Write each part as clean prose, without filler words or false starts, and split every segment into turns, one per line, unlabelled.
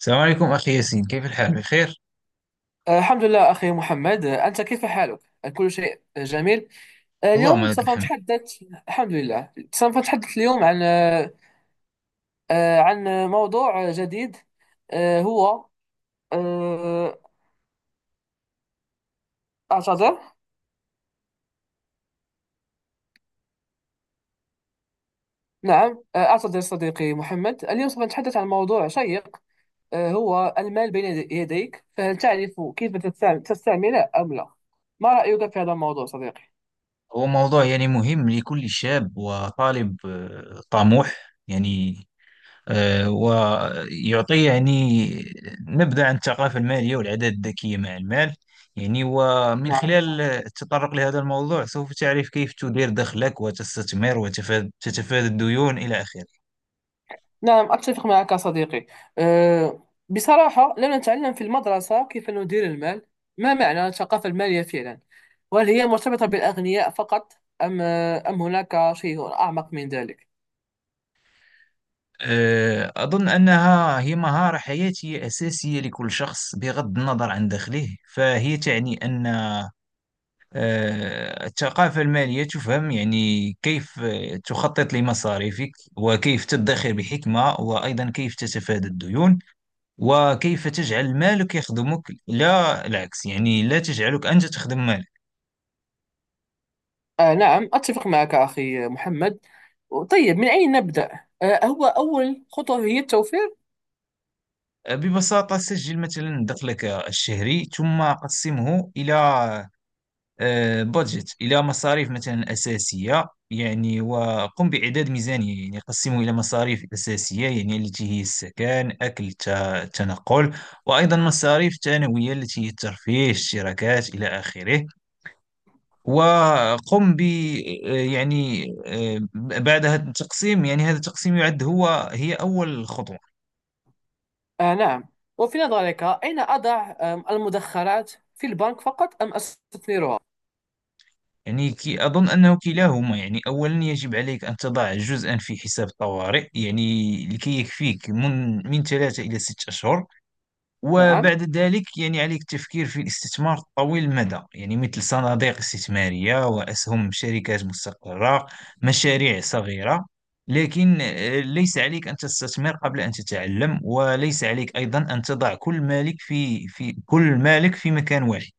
السلام عليكم أخي ياسين، كيف الحال؟ بخير؟
الحمد لله أخي محمد، أنت كيف حالك؟ كل شيء جميل.
اللهم
اليوم
لك
سوف
الحمد.
نتحدث. الحمد لله، سوف نتحدث اليوم عن عن موضوع جديد. آه، هو آه، أعتذر. نعم، أعتذر صديقي محمد. اليوم سوف نتحدث عن موضوع شيق، هو المال بين يديك، فهل تعرف كيف تستعمله أم لا؟ ما رأيك في هذا الموضوع صديقي؟
هو موضوع مهم لكل شاب وطالب طموح. يعني ويعطي نبذة عن الثقافة المالية والعادات الذكية مع المال. ومن
نعم.
خلال التطرق لهذا الموضوع، سوف تعرف كيف تدير دخلك وتستثمر وتتفادى الديون إلى آخره.
نعم، أتفق معك صديقي. أه، بصراحة لم نتعلم في المدرسة كيف ندير المال. ما معنى الثقافة المالية فعلا؟ وهل هي مرتبطة بالأغنياء فقط، أم هناك شيء أعمق من ذلك؟
أظن أنها هي مهارة حياتية أساسية لكل شخص بغض النظر عن دخله. فهي تعني أن الثقافة المالية تفهم كيف تخطط لمصاريفك، وكيف تدخر بحكمة، وأيضا كيف تتفادى الديون، وكيف تجعل مالك يخدمك لا العكس، لا تجعلك أنت تخدم مالك.
آه، نعم أتفق معك أخي محمد. طيب، من أين نبدأ؟ آه، هو أول خطوة هي التوفير.
ببساطة سجل مثلا دخلك الشهري، ثم قسمه إلى بودجت، إلى مصاريف مثلا أساسية، وقم بإعداد ميزانية، قسمه إلى مصاريف أساسية التي هي السكن، أكل، التنقل، وأيضا مصاريف ثانوية التي هي الترفيه، الاشتراكات إلى آخره. وقم ب آه، يعني آه، بعد هذا التقسيم، هذا التقسيم يعد هي أول خطوة.
آه، نعم. وفي نظرك، أين أضع المدخرات؟ في البنك فقط أم أستثمرها؟
يعني كي أظن أنه كلاهما. أولا يجب عليك أن تضع جزءا في حساب الطوارئ، لكي يكفيك من 3 إلى 6 أشهر.
نعم.
وبعد ذلك عليك التفكير في الاستثمار طويل المدى، مثل صناديق استثمارية وأسهم شركات مستقرة، مشاريع صغيرة. لكن ليس عليك أن تستثمر قبل أن تتعلم، وليس عليك أيضا أن تضع كل مالك في مكان واحد.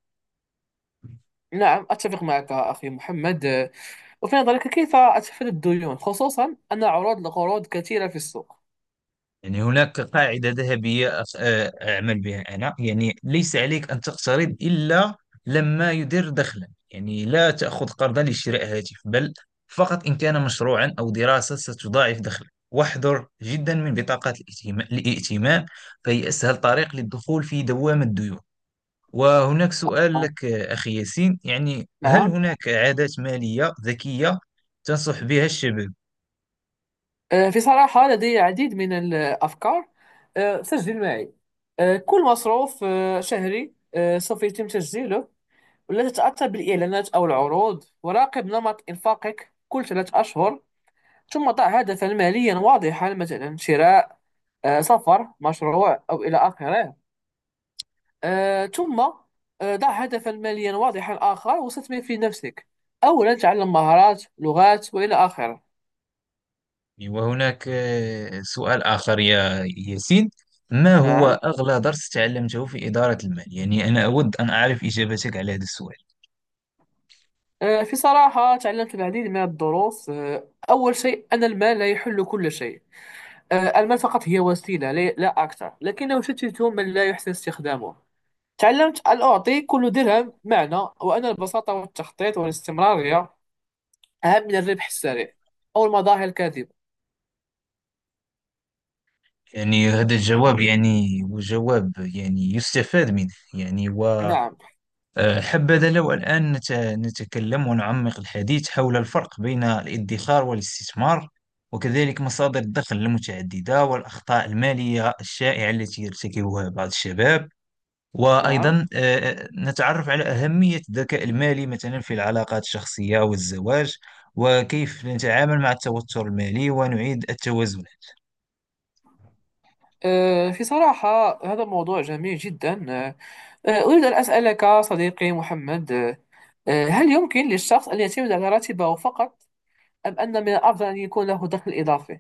نعم، أتفق معك أخي محمد. وفي نظرك، كيف أتفادى الديون، خصوصا أن عروض القروض كثيرة في السوق؟
هناك قاعدة ذهبية، أعمل بها أنا. ليس عليك أن تقترض إلا لما يدر دخلا. لا تأخذ قرضا لشراء هاتف، بل فقط إن كان مشروعا أو دراسة ستضاعف دخلك. واحذر جدا من بطاقات الائتمان، فهي أسهل طريق للدخول في دوامة الديون. وهناك سؤال لك أخي ياسين، هل
نعم.
هناك عادات مالية ذكية تنصح بها الشباب؟
في صراحة لدي العديد من الأفكار. سجل معي. كل مصروف شهري سوف يتم تسجيله. ولا تتأثر بالإعلانات أو العروض، وراقب نمط إنفاقك كل ثلاثة أشهر. ثم ضع هدفا ماليا واضحا، مثلا شراء، سفر، مشروع، أو إلى آخره. آه، ثم آه، ضع هدفا ماليا واضحا آخر، واستثمر في نفسك. أولا تعلم مهارات، لغات، وإلى آخره.
وهناك سؤال آخر يا ياسين، ما هو
نعم.
أغلى درس تعلمته في إدارة المال؟ أنا أود أن أعرف إجابتك على هذا السؤال.
في صراحة تعلمت العديد من الدروس. أول شيء أن المال لا يحل كل شيء. آه، المال فقط هي وسيلة، لا أكثر، لكنه يشتت من لا يحسن استخدامه. تعلمت أن أعطي كل درهم معنى، وأن البساطة والتخطيط والاستمرارية أهم من الربح السريع أو المظاهر الكاذبة.
هذا الجواب يعني هو جواب يستفاد منه.
نعم.
وحبذا لو الآن نتكلم ونعمق الحديث حول الفرق بين الادخار والاستثمار، وكذلك مصادر الدخل المتعددة، والأخطاء المالية الشائعة التي يرتكبها بعض الشباب.
نعم،
وأيضا نتعرف على أهمية الذكاء المالي مثلا في العلاقات الشخصية والزواج، وكيف نتعامل مع التوتر المالي ونعيد التوازن.
في صراحة هذا موضوع جميل جدا. أريد أن أسألك صديقي محمد. هل يمكن للشخص أن يعتمد على راتبه فقط، أم أن من الأفضل أن يكون له دخل إضافي؟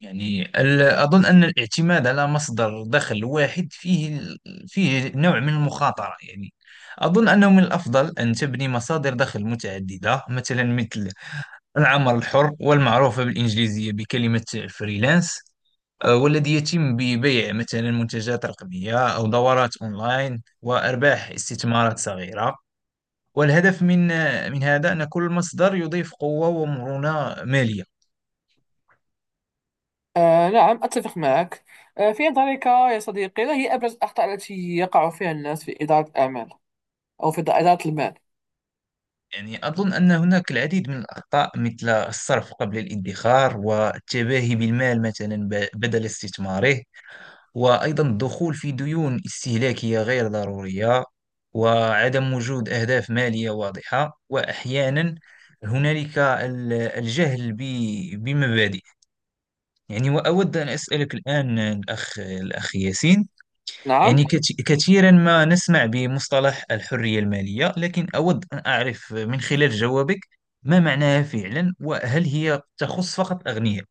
أظن أن الاعتماد على مصدر دخل واحد فيه نوع من المخاطرة. أظن أنه من الأفضل أن تبني مصادر دخل متعددة، مثل العمل الحر والمعروفة بالإنجليزية بكلمة فريلانس، والذي يتم ببيع مثلا منتجات رقمية أو دورات أونلاين وأرباح استثمارات صغيرة. والهدف من هذا أن كل مصدر يضيف قوة ومرونة مالية.
نعم، أتفق معك. في نظرك يا صديقي، ما هي أبرز الأخطاء التي يقع فيها الناس في إدارة الأعمال أو في إدارة المال؟
أظن أن هناك العديد من الأخطاء، مثل الصرف قبل الادخار، والتباهي بالمال مثلا بدل استثماره، وأيضا الدخول في ديون استهلاكية غير ضرورية، وعدم وجود أهداف مالية واضحة، وأحيانا هنالك الجهل بمبادئ. وأود أن أسألك الآن الأخ ياسين،
نعم.
كثيرا ما نسمع بمصطلح الحرية المالية، لكن أود أن أعرف من خلال جوابك، ما معناها فعلا، وهل هي تخص فقط الأغنياء؟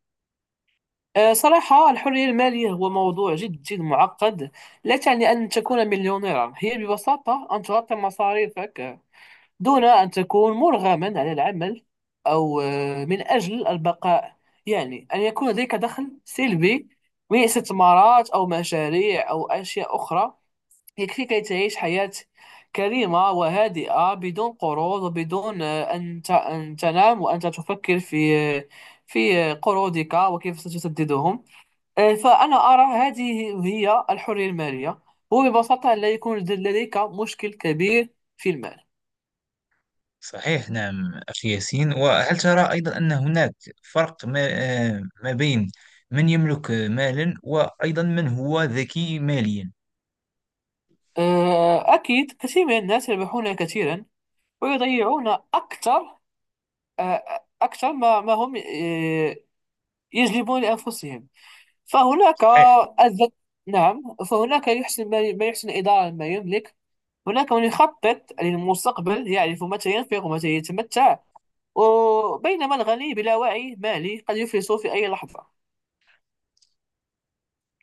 صراحة الحرية المالية هو موضوع جد معقد. لا تعني أن تكون مليونيرا، هي ببساطة أن تغطي مصاريفك دون أن تكون مرغما على العمل، أو من أجل البقاء. يعني أن يكون لديك دخل سلبي من استثمارات أو مشاريع أو أشياء أخرى، يكفي كي تعيش حياة كريمة وهادئة، بدون قروض وبدون أن تنام وأنت تفكر في قروضك وكيف ستسددهم. فأنا أرى هذه هي الحرية المالية. هو ببساطة لا يكون لديك مشكل كبير في المال.
صحيح، نعم أخي ياسين. وهل ترى أيضا أن هناك فرق ما، ما بين من يملك مالا وأيضا من هو ذكي ماليا؟
أكيد، كثير من الناس يربحون كثيرا ويضيعون أكثر، أكثر ما ما هم يجلبون لأنفسهم. فهناك
صحيح.
الذ... نعم، فهناك يحسن، ما يحسن إدارة ما يملك. هناك من يخطط للمستقبل، يعرف متى ينفق ومتى يتمتع، وبينما الغني بلا وعي مالي قد يفلس في أي لحظة.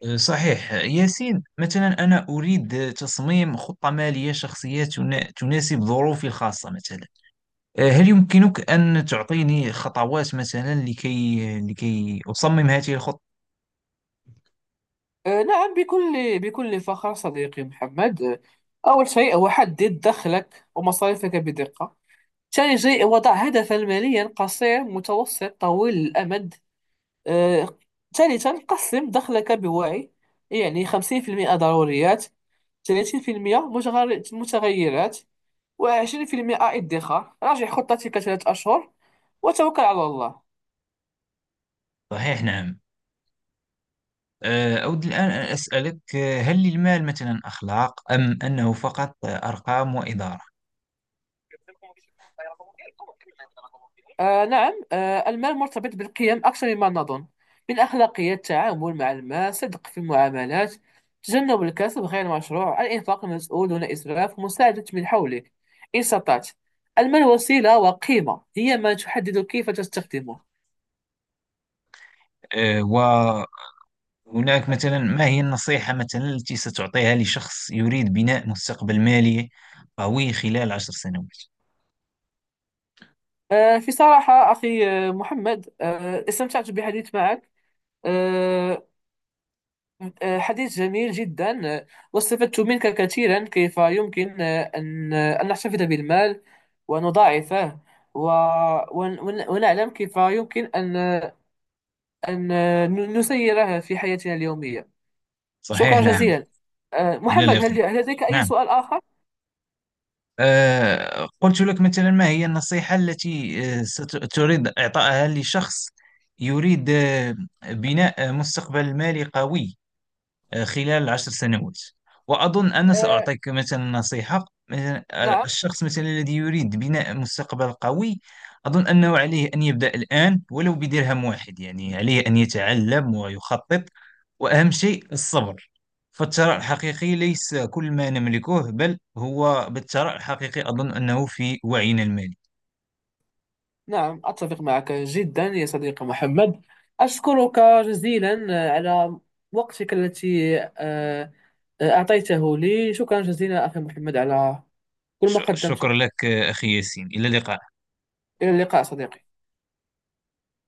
صحيح ياسين، مثلا أنا أريد تصميم خطة مالية شخصية تناسب ظروفي الخاصة. مثلا هل يمكنك أن تعطيني خطوات مثلا لكي أصمم هذه الخطة؟
نعم، بكل فخر صديقي محمد. أول شيء هو حدد دخلك ومصاريفك بدقة. ثاني شيء، وضع هدفا ماليا قصير، متوسط، طويل الأمد. آه، ثالثا، قسم دخلك بوعي. يعني 50% ضروريات، 30% متغيرات، و20% ادخار. راجع خطتك ثلاث أشهر، وتوكل على الله.
صحيح، نعم. أود الآن أن أسألك، هل للمال مثلا أخلاق، أم أنه فقط أرقام وإدارة؟
آه، نعم. آه، المال مرتبط بالقيم أكثر مما نظن. من أخلاقية التعامل مع المال، صدق في المعاملات، تجنب الكسب غير المشروع، الإنفاق المسؤول دون إسراف، مساعدة من حولك إن استطعت. المال وسيلة، وقيمة هي ما تحدد كيف تستخدمه.
وهناك مثلا، ما هي النصيحة مثلا التي ستعطيها لشخص يريد بناء مستقبل مالي قوي خلال 10 سنوات؟
آه، في صراحة أخي محمد، آه، استمتعت بالحديث معك. آه حديث جميل جدا. واستفدت منك كثيرا، كيف يمكن أن أن نحتفظ بالمال ونضاعفه، و... ونعلم كيف يمكن أن أن نسيره في حياتنا اليومية.
صحيح،
شكرا
نعم.
جزيلا. أه،
إلى
محمد،
اللقاء.
هل لديك أي
نعم،
سؤال آخر؟
قلت لك مثلا، ما هي النصيحة التي ستريد إعطائها لشخص يريد بناء مستقبل مالي قوي خلال 10 سنوات؟ وأظن أنا
أه،
سأعطيك مثلا نصيحة. مثلا
نعم.
الشخص مثلا الذي يريد بناء مستقبل قوي، أظن أنه عليه أن يبدأ الآن ولو بدرهم واحد. عليه أن يتعلم ويخطط، وأهم شيء الصبر. فالثراء الحقيقي ليس كل ما نملكه، بل هو، بالثراء الحقيقي أظن أنه في وعينا المالي.
نعم، أتفق معك جدا يا صديقي محمد. أشكرك جزيلا على وقتك التي أه، آه، أعطيته لي. شكرا جزيلا أخي محمد على كل ما قدمته.
شكرا لك أخي ياسين، إلى اللقاء.
إلى اللقاء صديقي.